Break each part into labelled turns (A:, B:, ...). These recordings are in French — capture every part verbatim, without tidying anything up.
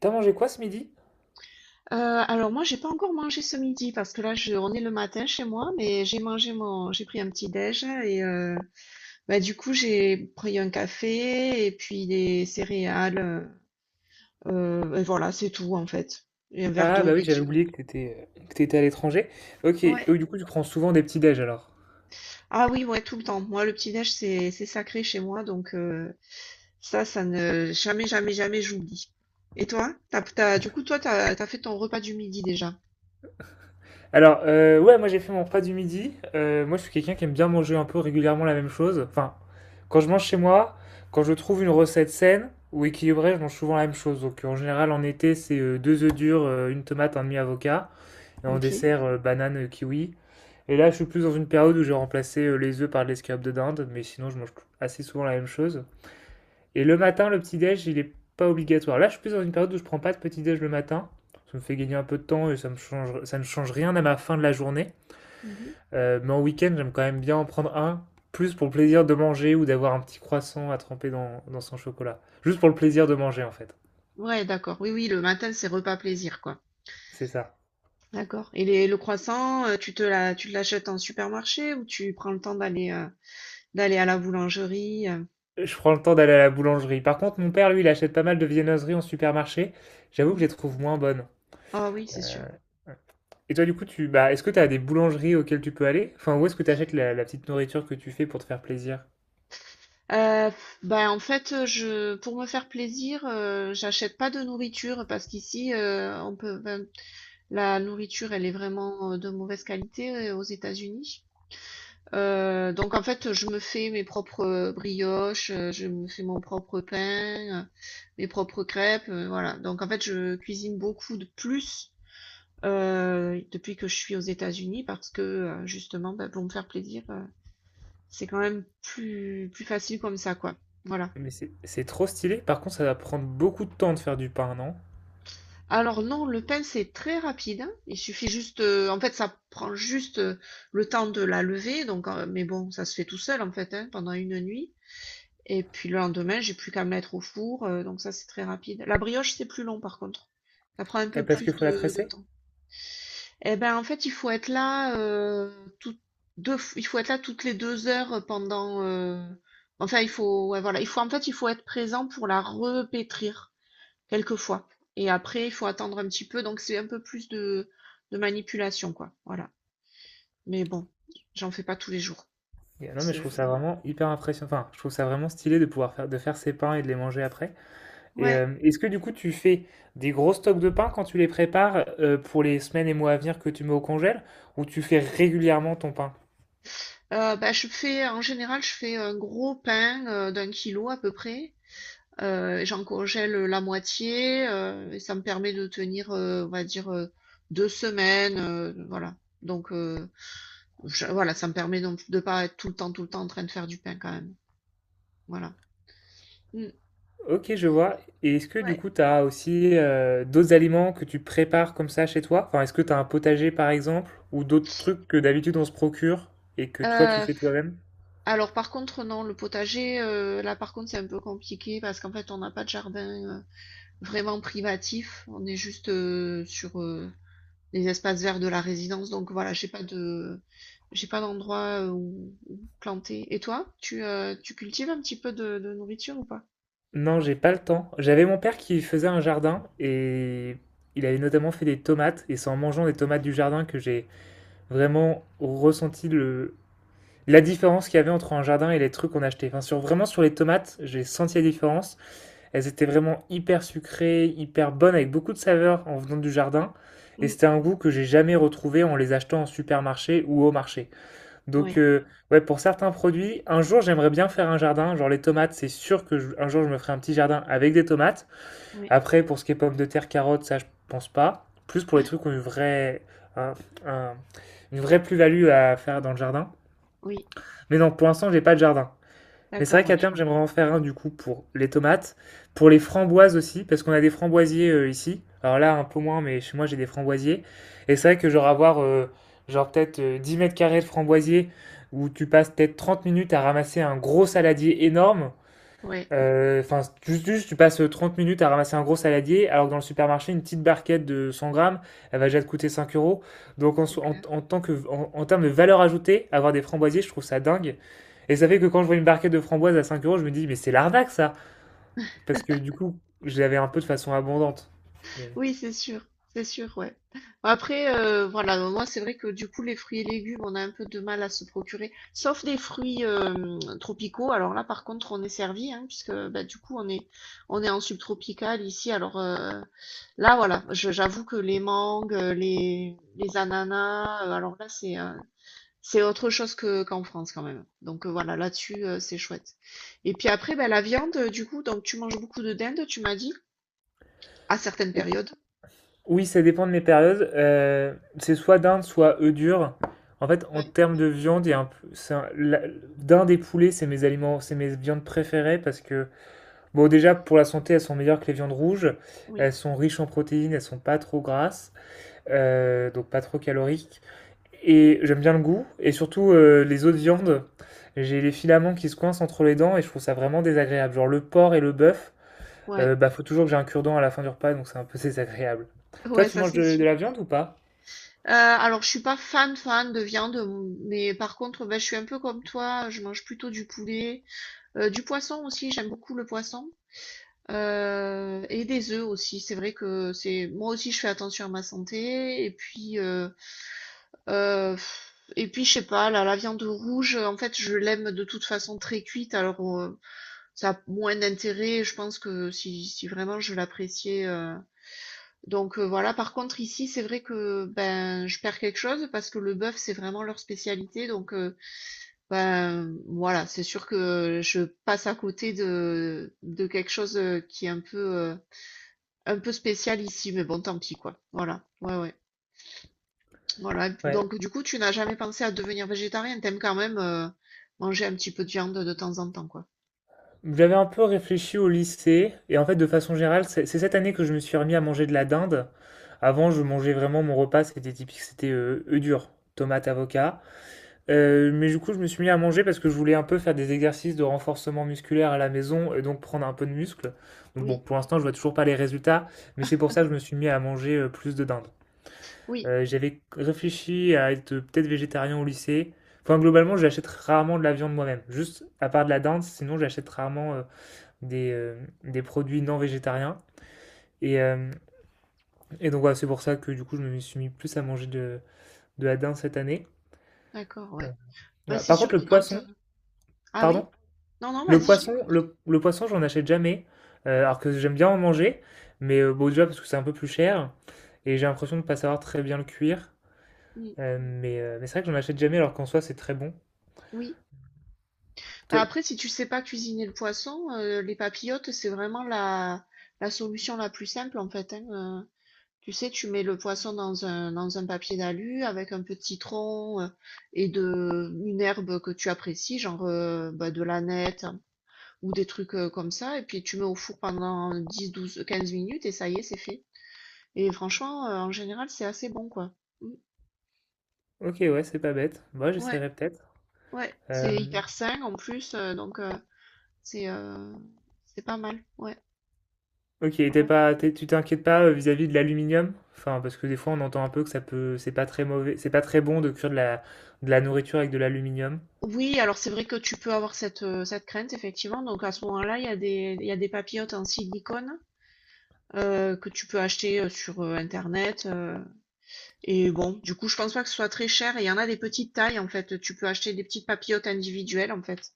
A: T'as mangé quoi ce midi?
B: Euh, alors, moi j'ai pas encore mangé ce midi parce que là, je, on est le matin chez moi, mais j'ai mangé mon j'ai pris un petit déj et euh, bah, du coup j'ai pris un café et puis des céréales, euh, et voilà, c'est tout en fait. Et un verre
A: Ah
B: d'eau,
A: bah oui,
B: bien
A: j'avais
B: sûr.
A: oublié que t'étais euh, que t'étais à l'étranger. Ok, et
B: Ouais,
A: du coup tu prends souvent des petits déj alors.
B: ah oui, ouais, tout le temps, moi le petit déj, c'est c'est sacré chez moi, donc euh, ça ça ne jamais jamais jamais j'oublie. Et toi t'as, t'as, du coup toi t'as t'as fait ton repas du midi déjà?
A: Alors euh, ouais, moi j'ai fait mon repas du midi. Euh, moi je suis quelqu'un qui aime bien manger un peu régulièrement la même chose. Enfin, quand je mange chez moi, quand je trouve une recette saine ou équilibrée, je mange souvent la même chose. Donc en général en été c'est euh, deux œufs durs, euh, une tomate, un demi avocat, et en
B: Ok.
A: dessert euh, banane euh, kiwi. Et là je suis plus dans une période où j'ai remplacé euh, les œufs par de l'escalope de dinde, mais sinon je mange assez souvent la même chose. Et le matin, le petit-déj, il est pas obligatoire. Là, je suis plus dans une période où je ne prends pas de petit-déj le matin. Ça me fait gagner un peu de temps et ça me change, ça ne change rien à ma fin de la journée.
B: Mhm.
A: Euh, mais en week-end, j'aime quand même bien en prendre un, plus pour le plaisir de manger ou d'avoir un petit croissant à tremper dans, dans son chocolat. Juste pour le plaisir de manger, en fait.
B: Ouais, d'accord, oui, oui, le matin c'est repas plaisir, quoi.
A: C'est ça.
B: D'accord. Et les- le croissant, euh, tu te la, tu te l'achètes en supermarché ou tu prends le temps d'aller, euh, d'aller à la boulangerie, euh
A: Je prends le temps d'aller à la boulangerie. Par contre, mon père, lui, il achète pas mal de viennoiseries en supermarché. J'avoue que je
B: Mhm.
A: les trouve moins bonnes.
B: Ah oui, c'est sûr.
A: Et toi, du coup, tu, bah, est-ce que tu as des boulangeries auxquelles tu peux aller? Enfin, où est-ce que tu achètes la, la petite nourriture que tu fais pour te faire plaisir?
B: Euh, ben en fait, euh, je pour me faire plaisir, euh, j'achète pas de nourriture parce qu'ici, euh, on peut ben, la nourriture elle est vraiment, euh, de mauvaise qualité, euh, aux États-Unis. Euh, donc en fait, je me fais mes propres, euh, brioches, euh, je me fais mon propre pain, euh, mes propres crêpes, euh, voilà. Donc en fait, je cuisine beaucoup de plus. Heu, depuis que je suis aux États-Unis parce que, heu, justement, bah, pour me faire plaisir, heu, c'est quand même plus plus facile comme ça, quoi. Voilà.
A: Mais c'est c'est trop stylé. Par contre, ça va prendre beaucoup de temps de faire du pain, non?
B: Alors non, le pain, c'est très rapide, hein. Il suffit juste, heu, en fait, ça prend juste, heu, le temps de la lever, donc, heu, mais bon, ça se fait tout seul, en fait, hein, pendant une nuit, et puis le lendemain, j'ai plus qu'à me mettre au four, heu, donc ça, c'est très rapide. La brioche, c'est plus long, par contre. Ça prend un
A: Et
B: peu
A: parce qu'il
B: plus
A: faut la
B: de de
A: tresser?
B: temps. Eh ben, en fait, il faut être là, heu, toutes deux f il faut être là toutes les deux heures pendant, heu, enfin, il faut, ouais, voilà, il faut, en fait, il faut être présent pour la repétrir quelquefois, et après il faut attendre un petit peu, donc c'est un peu plus de de manipulation, quoi, voilà. Mais bon, j'en fais pas tous les jours.
A: Et- Non, mais je
B: C'est
A: trouve ça vraiment hyper impressionnant. Enfin, je trouve ça vraiment stylé de pouvoir faire, de faire ses pains et de les manger après. Et
B: Ouais,
A: euh, est-ce que du coup, tu fais des gros stocks de pain quand tu les prépares euh, pour les semaines et mois à venir que tu mets au congèle, ou tu fais régulièrement ton pain?
B: heu, bah, je fais en général, je fais un gros pain, heu, d'un kilogramme à peu près. Heu, j'en congèle la moitié, heu, et ça me permet de tenir, heu, on va dire, heu, deux semaines, heu, voilà. Donc, heu, je voilà, ça me permet donc de pas être tout le temps, tout le temps en train de faire du pain quand même. Voilà. Mmh.
A: Ok, je vois. Et est-ce que du
B: Ouais.
A: coup, tu as aussi euh, d'autres aliments que tu prépares comme ça chez toi? Enfin, est-ce que tu as un potager par exemple, ou d'autres trucs que d'habitude on se procure et que toi tu
B: Heu,
A: fais toi-même?
B: alors par contre non, le potager, heu, là par contre, c'est un peu compliqué parce qu'en fait on n'a pas de jardin, heu, vraiment privatif. On est juste, heu, sur, heu les espaces verts de la résidence. Donc voilà, j'ai pas de j'ai pas d'endroit, euh, où, où planter. Et toi, tu, euh, tu cultives un petit peu de, de nourriture ou pas?
A: Non, j'ai pas le temps. J'avais mon père qui faisait un jardin et il avait notamment fait des tomates. Et c'est en mangeant des tomates du jardin que j'ai vraiment ressenti le... la différence qu'il y avait entre un jardin et les trucs qu'on achetait. Enfin, sur, vraiment sur les tomates, j'ai senti la différence. Elles étaient vraiment hyper sucrées, hyper bonnes, avec beaucoup de saveur en venant du jardin. Et
B: Mm,
A: c'était un goût que j'ai jamais retrouvé en les achetant en supermarché ou au marché.
B: oui,
A: Donc, euh, ouais, pour certains produits, un jour j'aimerais bien faire un jardin. Genre les tomates, c'est sûr que je- un jour je me ferai un petit jardin avec des tomates.
B: oui,
A: Après, pour ce qui est pommes de terre, carottes, ça je pense pas. Plus pour les trucs qui ont une vraie, un- un- une vraie plus-value à faire dans le jardin.
B: oui,
A: Mais non, pour l'instant, j'ai pas de jardin. Mais c'est vrai
B: d'accord, ouais,
A: qu'à
B: je
A: terme,
B: comprends.
A: j'aimerais en faire un du coup pour les tomates, pour les framboises aussi, parce qu'on a des framboisiers euh, ici. Alors là, un peu moins, mais chez moi, j'ai des framboisiers. Et c'est vrai que genre avoir euh, genre peut-être euh, dix mètres carrés de framboisiers où tu passes peut-être trente minutes à ramasser un gros saladier énorme,
B: Ouais,
A: euh, Enfin, juste, juste, tu passes euh, trente minutes à ramasser un gros saladier, alors que dans le supermarché, une petite barquette de cent grammes, elle va déjà te coûter cinq euros. Donc, en,
B: c'est
A: so- en,
B: clair.
A: en tant que, en, en termes de valeur ajoutée, avoir des framboisiers, je trouve ça dingue. Et ça fait que quand je vois une barquette de framboises à cinq euros, je me dis, mais c'est l'arnaque, ça! Parce que du coup, je l'avais un peu de façon abondante. Mais-
B: Oui, c'est sûr, c'est sûr, ouais. Bon. Après, euh, voilà, donc moi c'est vrai que du coup les fruits et légumes, on a un peu de mal à se procurer, sauf des fruits, euh, tropicaux. Alors là, par contre, on est servi, hein, puisque bah, du coup on est on est en subtropical ici. Alors, euh, là, voilà, je- j'avoue que les mangues, euh, les, les ananas, euh, alors là, c'est, euh, c'est autre chose que qu'en France quand même. Donc, euh, voilà, là-dessus, euh, c'est chouette. Et puis après, ben, la viande, euh, du coup, donc tu manges beaucoup de dinde, tu m'as dit, à certaines
A: Ou-
B: périodes.
A: Oui, ça dépend de mes périodes. Euh, c'est soit dinde, soit œufs durs. En fait, en
B: Ouais,
A: termes de viande, il y a un peu- c'est un- la- dinde et poulet, c'est mes aliments, c'est mes viandes préférées parce que bon, déjà, pour la santé, elles sont meilleures que les viandes rouges.
B: oui,
A: Elles sont riches en protéines, elles sont pas trop grasses, euh, donc pas trop caloriques. Et j'aime bien le goût. Et surtout, euh, les autres viandes, j'ai les filaments qui se coincent entre les dents et je trouve ça vraiment désagréable. Genre le porc et le bœuf,
B: ouais,
A: euh, bah faut toujours que j'ai un cure-dent à la fin du repas, donc c'est un peu désagréable. Toi,
B: ouais,
A: tu
B: ça
A: manges
B: c'est
A: de, de
B: sûr.
A: la viande ou pas?
B: Euh, alors, je suis pas fan fan de viande, mais par contre, ben, je suis un peu comme toi, je mange plutôt du poulet. Euh, du poisson aussi, j'aime beaucoup le poisson. Heu et des œufs aussi. C'est vrai que, c'est moi aussi je fais attention à ma santé, et puis, heu heu et puis je sais pas, la la viande rouge, euh, en fait, je l'aime de toute façon très cuite, alors, heu, ça a moins d'intérêt, je pense que, si si vraiment je l'appréciais, heu donc, heu, voilà. Par contre ici, c'est vrai que, ben, je perds quelque chose parce que le bœuf, c'est vraiment leur spécialité, donc, heu, ben, voilà, c'est sûr que je passe à côté de de quelque chose qui est un peu, heu un peu spécial ici, mais bon, tant pis, quoi. Voilà, ouais, ouais. Voilà.
A: Ouais.
B: Donc, du coup, tu n'as jamais pensé à devenir végétarien. T'aimes quand même, euh, manger un petit peu de viande de temps en temps, quoi.
A: J'avais un peu réfléchi au lycée, et en fait, de façon générale, c'est c'est cette année que je me suis remis à manger de la dinde. Avant, je mangeais vraiment mon repas, c'était typique, c'était euh, œufs durs, tomates, avocat. Euh, mais du coup, je me suis mis à manger parce que je voulais un peu faire des exercices de renforcement musculaire à la maison et donc prendre un peu de muscle. Donc bon,
B: Oui,
A: pour l'instant, je vois toujours pas les résultats, mais c'est pour ça que je me suis mis à manger euh, plus de dinde.
B: oui,
A: Euh, j'avais réfléchi à être peut-être végétarien au lycée. Enfin, globalement, j'achète rarement de la viande moi-même. Juste à part de la dinde, sinon j'achète rarement. euh, des, euh, des produits non végétariens. Et, euh, et donc voilà, c'est pour ça que du coup je me suis mis plus à manger de, de la dinde cette année.
B: d'accord,
A: Euh,
B: ouais. Bah,
A: voilà.
B: c'est
A: Par
B: sûr
A: contre
B: que
A: le
B: quand. euh,
A: poisson,
B: Ah
A: pardon,
B: oui? Non, non,
A: le
B: vas-y, je
A: poisson,
B: t'écoute.
A: le, le poisson j'en achète jamais, euh, alors que j'aime bien en manger, mais euh, bon déjà parce que c'est un peu plus cher, et j'ai l'impression de ne pas savoir très bien le cuire.
B: Mm.
A: Euh, mais, euh, mais c'est vrai que j'en achète jamais alors qu'en soi c'est très bon.
B: Oui. Bah,
A: Te-
B: après, si tu sais pas cuisiner le poisson, euh, les papillotes, c'est vraiment la, la solution la plus simple, en fait, hein, euh. Tu sais, tu mets le poisson dans un, dans un papier d'alu avec un peu de citron, euh, et de une herbe que tu apprécies, genre, euh, bah, de l'aneth, hein, ou des trucs, euh, comme ça, et puis tu mets au four pendant dix, douze, quinze minutes et ça y est, c'est fait. Et franchement, euh, en général, c'est assez bon, quoi. Mm.
A: Ok, ouais, c'est pas bête, moi
B: Ouais,
A: j'essaierai peut-être.
B: ouais, c'est
A: Euh,
B: hyper sain en plus, euh, donc, euh, c'est, euh, c'est pas mal. Ouais,
A: Ok, t'es
B: voilà.
A: pas, t'es- tu t'inquiètes pas euh, vis-à-vis de l'aluminium? Enfin, parce que des fois on entend un peu que ça peut, c'est pas très mauvais, c'est pas très bon de cuire de la, de la nourriture avec de l'aluminium.
B: Oui, alors c'est vrai que tu peux avoir cette, euh, cette crainte, effectivement. Donc à ce moment-là, il y a des, il y a des papillotes en silicone, euh, que tu peux acheter, euh, sur, euh, internet. euh. Et bon, du coup, je pense pas que ce soit très cher. Et il y en a des petites tailles en fait. Tu peux acheter des petites papillotes individuelles en fait.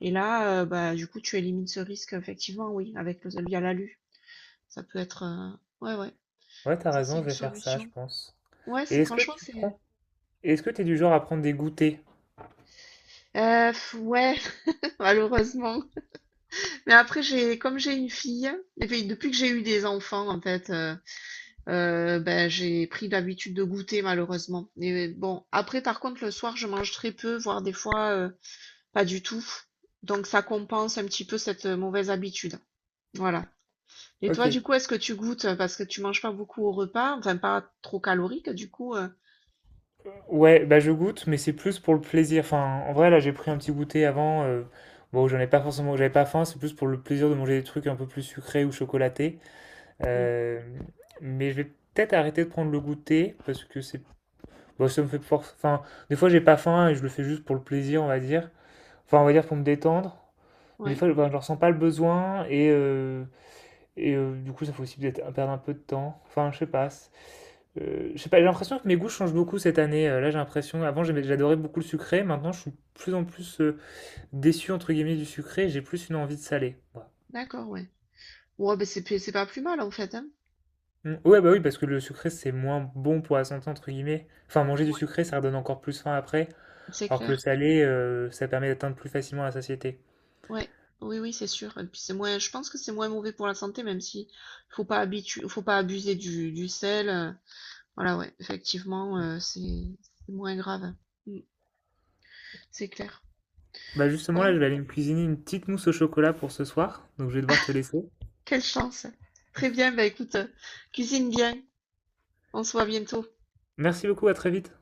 B: Et là, euh, bah du coup, tu élimines ce risque, effectivement, oui, avec le via l'alu. Ça peut être, euh, ouais, ouais,
A: Ouais, t'as
B: ça c'est
A: raison, je
B: une
A: vais faire ça, je
B: solution.
A: pense.
B: Ouais,
A: Et
B: c'est
A: est-ce que
B: franchement,
A: tu
B: c'est,
A: prends, Est-ce que t'es du genre à prendre des goûters?
B: euh, ouais, malheureusement. Mais après, j'ai comme j'ai une fille, et puis depuis que j'ai eu des enfants, en fait. Euh, Euh, ben, j'ai pris l'habitude de goûter, malheureusement. Et, euh, bon, après par contre le soir je mange très peu, voire des fois, euh, pas du tout. Donc ça compense un petit peu cette, euh, mauvaise habitude. Voilà. Et
A: Ok.
B: toi du coup, est-ce que tu goûtes, euh, parce que tu manges pas beaucoup au repas, enfin pas trop calorique du coup? Euh,
A: Ouais, bah je goûte, mais c'est plus pour le plaisir. Enfin, en vrai, là j'ai pris un petit goûter avant. Euh, bon, j'en ai pas forcément, j'avais pas faim, c'est plus pour le plaisir de manger des trucs un peu plus sucrés ou chocolatés.
B: hmm.
A: Euh, mais je vais peut-être arrêter de prendre le goûter parce que c'est bon, ça me fait force. Enfin, des fois, j'ai pas faim et je le fais juste pour le plaisir, on va dire. Enfin, on va dire pour me détendre. Mais des
B: Ouais,
A: fois, je, ben, je ressens pas le besoin et, euh, et euh, du coup, ça fait aussi peut-être perdre un peu de temps. Enfin, je sais pas. C'est- euh, je sais pas, j'ai l'impression que mes goûts changent beaucoup cette année. Euh, là, j'ai l'impression. Avant, j'aimais- j'adorais beaucoup le sucré. Maintenant, je suis de plus en plus euh, déçu, entre guillemets, du sucré. J'ai plus une envie de salé. Voilà.
B: d'accord, ouais. Ouais, ben c'est p- c'est pas plus mal en fait, hein.
A: Mm. Ouais, bah oui, parce que le sucré, c'est moins bon pour la santé, entre guillemets. Enfin, manger du
B: Ouais,
A: sucré, ça redonne encore plus faim après.
B: c'est
A: Alors que le
B: clair.
A: salé, euh, ça permet d'atteindre plus facilement la satiété.
B: Ouais. Oui, oui, c'est sûr. Et puis c'est moins, je pense que c'est moins mauvais pour la santé, même si faut pas habitu- faut pas abuser du, du sel. euh, Voilà, ouais, effectivement, euh, c'est c'est moins grave. Mm. C'est clair.
A: Bah justement, là,
B: Bon,
A: je vais aller me cuisiner une petite mousse au chocolat pour ce soir, donc je vais devoir te laisser.
B: quelle chance. Très bien, bah écoute, euh, cuisine bien. On se voit bientôt.
A: Merci beaucoup, à très vite.